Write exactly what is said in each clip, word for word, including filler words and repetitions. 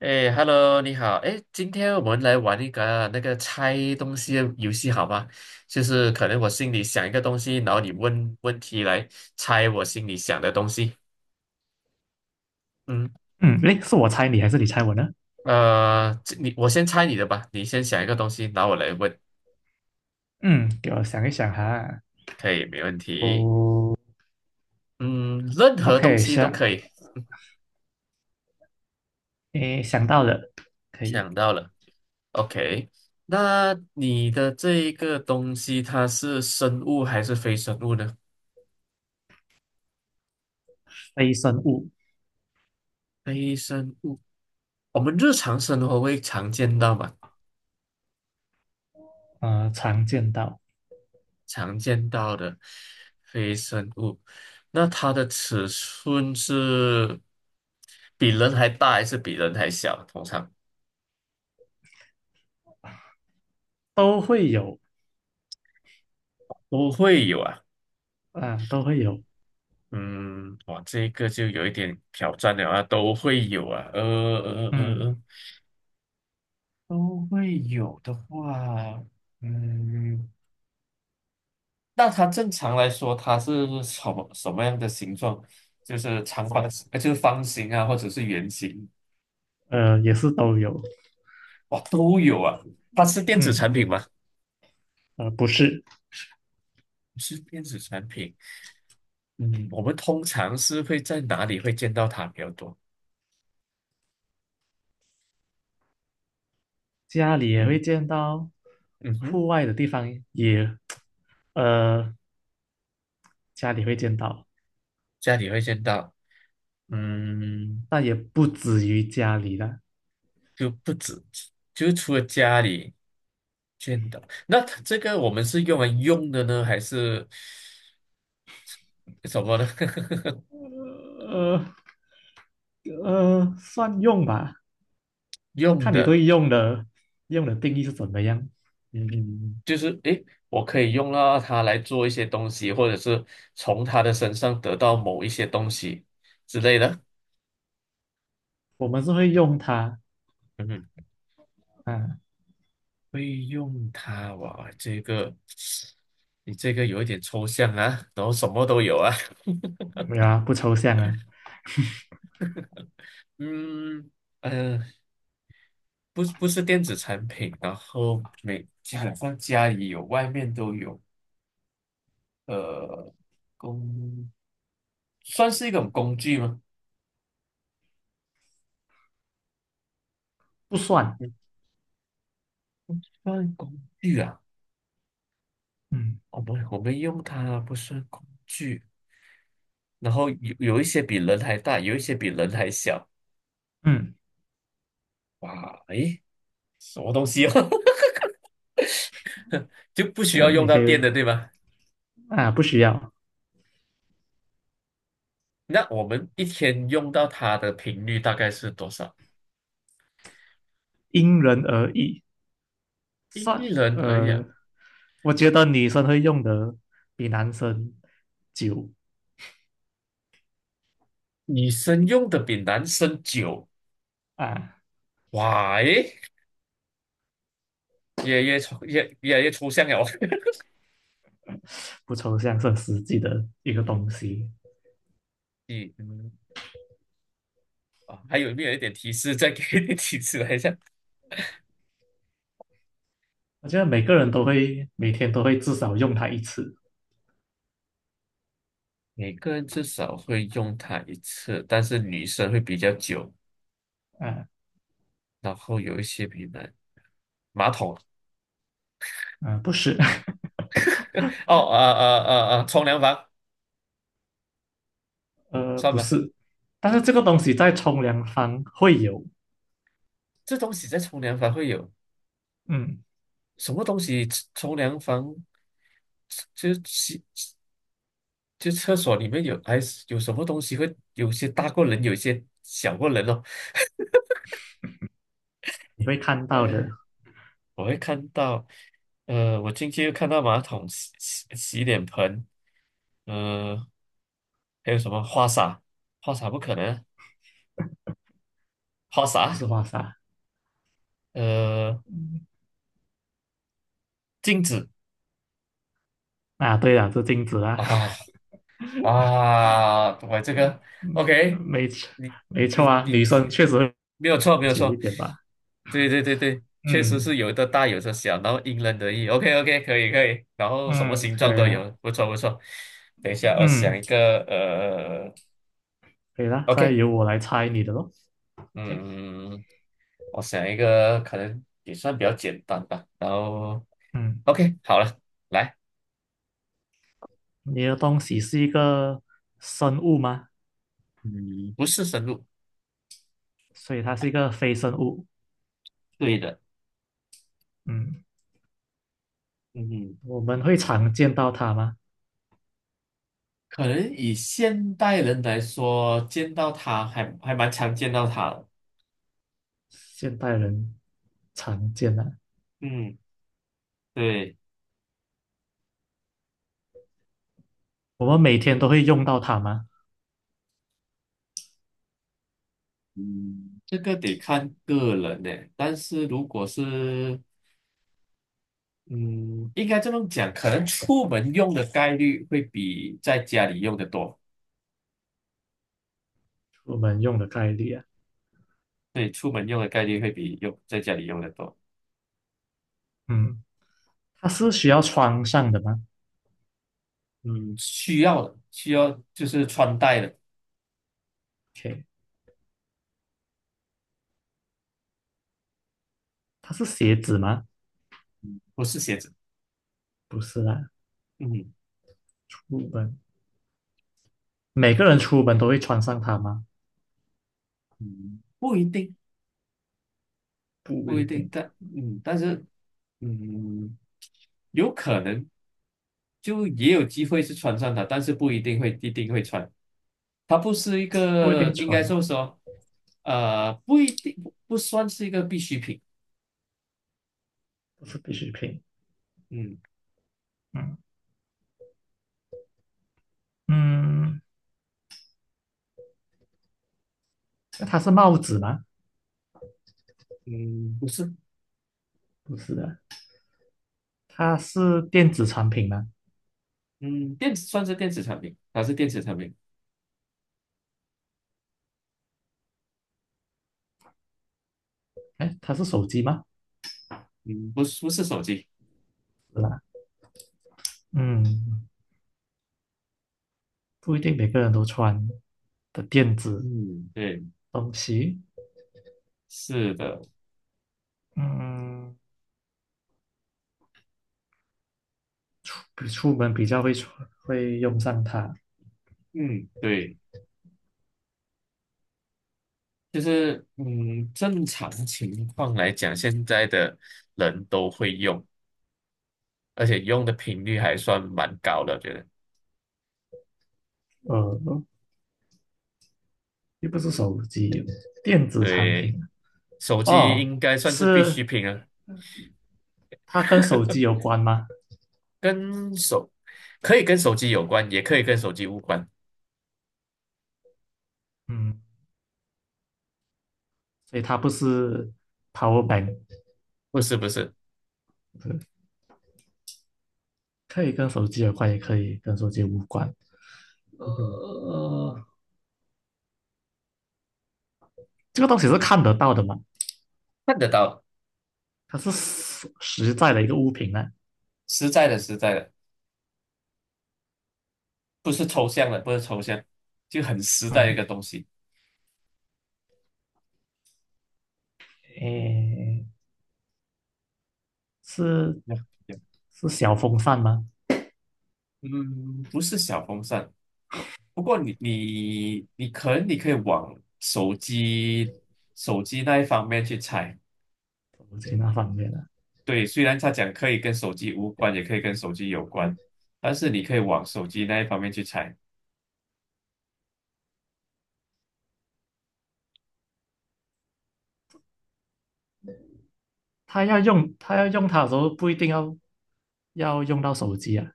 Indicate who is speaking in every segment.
Speaker 1: 哎，Hello，你好。哎，今天我们来玩一个那个猜东西的游戏，好吗？就是可能我心里想一个东西，然后你问问题来猜我心里想的东西。嗯，
Speaker 2: 嗯，诶，是我猜你还是你猜我呢？
Speaker 1: 呃，这你我先猜你的吧，你先想一个东西，然后我来问，
Speaker 2: 嗯，给我想一想哈。
Speaker 1: 可以，没问题。
Speaker 2: 哦
Speaker 1: 嗯，任何东
Speaker 2: ，OK,
Speaker 1: 西都
Speaker 2: 想，
Speaker 1: 可以。
Speaker 2: 诶，想到了，可以。
Speaker 1: 想到了，OK。那你的这一个东西，它是生物还是非生物呢？
Speaker 2: 非生物。
Speaker 1: 非生物，我们日常生活会常见到嘛？
Speaker 2: 呃，常见到。
Speaker 1: 常见到的非生物。那它的尺寸是比人还大还是比人还小？通常
Speaker 2: 都会有。
Speaker 1: 都会有啊。
Speaker 2: 啊，都会有。
Speaker 1: 嗯，哇，这个就有一点挑战了啊，都会有啊，呃呃呃
Speaker 2: 嗯，
Speaker 1: 呃，都会有的话，嗯，那它正常来说，它是什么什么样的形状？就是长方形，呃就是方形啊，或者是圆形，
Speaker 2: 呃，也是都有。
Speaker 1: 哇，都有啊。它是电子
Speaker 2: 嗯，
Speaker 1: 产品吗？
Speaker 2: 呃，不是。
Speaker 1: 是电子产品，嗯，我们通常是会在哪里会见到它比较多？
Speaker 2: 家里也会
Speaker 1: 嗯
Speaker 2: 见到，
Speaker 1: 嗯哼，
Speaker 2: 户外的地方也，呃，家里会见到，
Speaker 1: 家里会见到，嗯，
Speaker 2: 但也不止于家里的。
Speaker 1: 就不止，就除了家里见到，那它这个我们是用来用的呢，还是什么呢？
Speaker 2: 呃呃，算用吧，
Speaker 1: 用
Speaker 2: 看你
Speaker 1: 的，
Speaker 2: 对用的用的定义是怎么样。
Speaker 1: 嗯，就是诶，我可以用到它来做一些东西，或者是从它的身上得到某一些东西之类的。
Speaker 2: 我们是会用它
Speaker 1: 嗯哼
Speaker 2: 啊。
Speaker 1: 会用它哇，这个你这个有一点抽象啊，然后什么都有啊，
Speaker 2: 没有啊，不抽象啊。
Speaker 1: 嗯 呃，不是不是电子产品，然后每基本上家里有，外面都有，呃，工算是一种工具吗？
Speaker 2: 不算。
Speaker 1: 不算工具啊，
Speaker 2: 嗯
Speaker 1: 我们我们用它不算工具，然后有有一些比人还大，有一些比人还小，
Speaker 2: 嗯。
Speaker 1: 哇，诶，什么东西哦，就不需
Speaker 2: 呃，
Speaker 1: 要用
Speaker 2: 你
Speaker 1: 到
Speaker 2: 可以
Speaker 1: 电的，对吗？
Speaker 2: 啊，不需要。
Speaker 1: 那我们一天用到它的频率大概是多少？
Speaker 2: 因人而异。
Speaker 1: 因
Speaker 2: 算，
Speaker 1: 人而异啊，
Speaker 2: 呃，我觉得女生会用的比男生久
Speaker 1: 女生用的比男生久，
Speaker 2: 啊。
Speaker 1: 哇，诶，越来越抽越越来越抽象了。
Speaker 2: 不抽象，是很实际的一个东西。
Speaker 1: 你嗯啊，还有没有一点提示？再给你提示来一下。
Speaker 2: 我觉得每个人都会每天都会至少用它一次
Speaker 1: 每个人至少会用它一次，但是女生会比较久，
Speaker 2: 啊。
Speaker 1: 然后有一些比男马桶
Speaker 2: 啊，不是。
Speaker 1: 哦，啊啊啊啊，冲凉房
Speaker 2: 呃，
Speaker 1: 算
Speaker 2: 不
Speaker 1: 吧，
Speaker 2: 是。但是这个东西在冲凉房会有。
Speaker 1: 这东西在冲凉房会有。
Speaker 2: 嗯，
Speaker 1: 什么东西冲凉房，就洗就厕所里面有还是有什么东西会有些大过人，有些小过人哦。
Speaker 2: 你会看到
Speaker 1: 呃，
Speaker 2: 的。
Speaker 1: 我会看到，呃，我进去又看到马桶、洗洗洗脸盆，呃，还有什么花洒，花洒不可能啊花
Speaker 2: 不是
Speaker 1: 洒，
Speaker 2: 花洒。
Speaker 1: 呃，
Speaker 2: 嗯。
Speaker 1: 镜子
Speaker 2: 啊，对啊，是镜子啊。
Speaker 1: 啊，啊，我这个
Speaker 2: 嗯，
Speaker 1: OK，
Speaker 2: 没错。
Speaker 1: 你
Speaker 2: 没错
Speaker 1: 你
Speaker 2: 啊，
Speaker 1: 你
Speaker 2: 女生确实会
Speaker 1: 没有错，没有
Speaker 2: 久一
Speaker 1: 错，
Speaker 2: 点吧。
Speaker 1: 对对对对，确实是
Speaker 2: 嗯
Speaker 1: 有的大有的小，然后因人而异。OK OK，可以可以，然后什么
Speaker 2: 嗯，
Speaker 1: 形
Speaker 2: 可
Speaker 1: 状
Speaker 2: 以
Speaker 1: 都
Speaker 2: 啊。
Speaker 1: 有，不错不错。等一下，我想
Speaker 2: 嗯，
Speaker 1: 一个呃
Speaker 2: 可以啦。现在
Speaker 1: ，OK，
Speaker 2: 由我来猜你的咯。OK。
Speaker 1: 嗯，我想一个可能也算比较简单吧。然后
Speaker 2: 嗯，
Speaker 1: OK，好了，来，
Speaker 2: 你的东西是一个生物吗？
Speaker 1: 嗯，不是深入，
Speaker 2: 所以它是一个非生物。
Speaker 1: 对的，
Speaker 2: 嗯，
Speaker 1: 嗯
Speaker 2: 我们会常见到它吗？
Speaker 1: 可能以现代人来说，见到他还还蛮常见到他的。
Speaker 2: 现代人常见啊。
Speaker 1: 嗯，对，
Speaker 2: 我们每天都会用到它吗？
Speaker 1: 嗯，这个得看个人呢。但是如果是，嗯，应该这么讲，可能出门用的概率会比在家里用的多。
Speaker 2: 我门用的概率啊。
Speaker 1: 对，出门用的概率会比用在家里用的多。
Speaker 2: 嗯。它是需要穿上的吗
Speaker 1: 嗯，需要的，需要就是穿戴的，
Speaker 2: ？OK,它是鞋子吗？
Speaker 1: 不是鞋子。
Speaker 2: 不是啦。
Speaker 1: 嗯，
Speaker 2: 出门每个人出门都会穿上它吗？
Speaker 1: 嗯不一定，
Speaker 2: 不
Speaker 1: 不一
Speaker 2: 一
Speaker 1: 定，
Speaker 2: 定。
Speaker 1: 但嗯，但是嗯，有可能。就也有机会是穿上它，但是不一定会一定会穿。它不是一
Speaker 2: 不一
Speaker 1: 个，
Speaker 2: 定
Speaker 1: 应该
Speaker 2: 穿啊。
Speaker 1: 说说，呃，不一定不算是一个必需品。
Speaker 2: 不是必需品。
Speaker 1: 嗯
Speaker 2: 嗯嗯。那它是帽子吗？
Speaker 1: 嗯，不是，
Speaker 2: 不是的。它是电子产品吗？
Speaker 1: 嗯，电子算是电子产品，它是电子产品。
Speaker 2: 哎，它是手机吗？
Speaker 1: 嗯，不是不是手机。
Speaker 2: 是啦。嗯，不一定每个人都穿的电子
Speaker 1: 嗯，对，
Speaker 2: 东西。
Speaker 1: 是的，
Speaker 2: 嗯，比出门比较会穿，会用上它。
Speaker 1: 嗯，对，就是嗯，正常情况来讲，现在的人都会用，而且用的频率还算蛮高的，我觉得。
Speaker 2: 呃，又不是手机，电子产
Speaker 1: 对，
Speaker 2: 品。
Speaker 1: 手机
Speaker 2: 哦，
Speaker 1: 应该算是必
Speaker 2: 是
Speaker 1: 需品了。
Speaker 2: 它跟手机有关吗？
Speaker 1: 跟手可以跟手机有关，也可以跟手机无关，
Speaker 2: 嗯，所以它不是 power bank,
Speaker 1: 不是不是，
Speaker 2: 是可以跟手机有关，也可以跟手机无关。
Speaker 1: 嗯哼
Speaker 2: 呃，这个东西是看得到的嘛？
Speaker 1: 看得到的，
Speaker 2: 它是实实在的一个物品呢。
Speaker 1: 实在的实在的，不是抽象的，不是抽象，就很实在的一
Speaker 2: 嗯，
Speaker 1: 个东西。
Speaker 2: 诶，是
Speaker 1: 那
Speaker 2: 是小风扇吗？
Speaker 1: 嗯，不是小风扇，不过你你你可能你可以往手机手机那一方面去猜。
Speaker 2: 手机那方面的，
Speaker 1: 对，虽然他讲可以跟手机无关，也可以跟手机有关，但是你可以往手机那一方面去猜。
Speaker 2: 它要用它要用它的时候，不一定要要用到手机啊。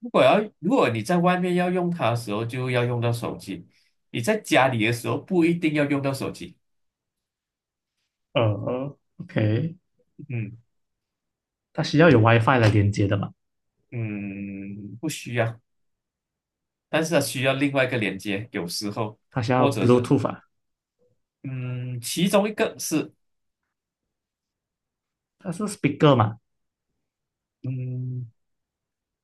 Speaker 1: 如果要，如果你在外面要用它的时候，就要用到手机；你在家里的时候，不一定要用到手机。
Speaker 2: 呃，OK,
Speaker 1: 嗯
Speaker 2: 它需要有 WiFi 来连接的嘛？
Speaker 1: 嗯，不需要，但是它需要另外一个连接，有时候
Speaker 2: 它需要
Speaker 1: 或者是
Speaker 2: Bluetooth 啊。
Speaker 1: 嗯，其中一个是
Speaker 2: 它是 speaker 嘛？
Speaker 1: 嗯，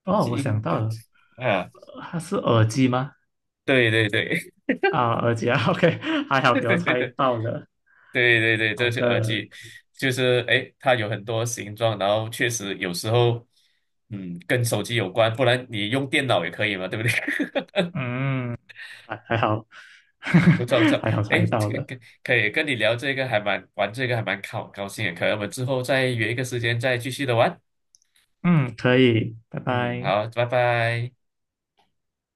Speaker 2: 哦，我想
Speaker 1: 应
Speaker 2: 到
Speaker 1: 该
Speaker 2: 了，
Speaker 1: 啊，
Speaker 2: 它是耳机吗？
Speaker 1: 对对对
Speaker 2: 啊，耳机啊 ，OK,还好给我
Speaker 1: 对
Speaker 2: 猜到了。
Speaker 1: 对对对对，
Speaker 2: 好
Speaker 1: 这是耳
Speaker 2: 的。
Speaker 1: 机，就是诶，它有很多形状，然后确实有时候嗯，跟手机有关，不然你用电脑也可以嘛，对不对？
Speaker 2: 嗯，还还好，
Speaker 1: 不 错不错，
Speaker 2: 还好
Speaker 1: 哎，
Speaker 2: 猜到
Speaker 1: 这个
Speaker 2: 了。
Speaker 1: 跟可以跟你聊这个还蛮玩这个还蛮高高兴的，可能我们之后再约一个时间再继续的玩。
Speaker 2: 嗯，可以，拜
Speaker 1: 嗯，
Speaker 2: 拜。
Speaker 1: 好，拜拜。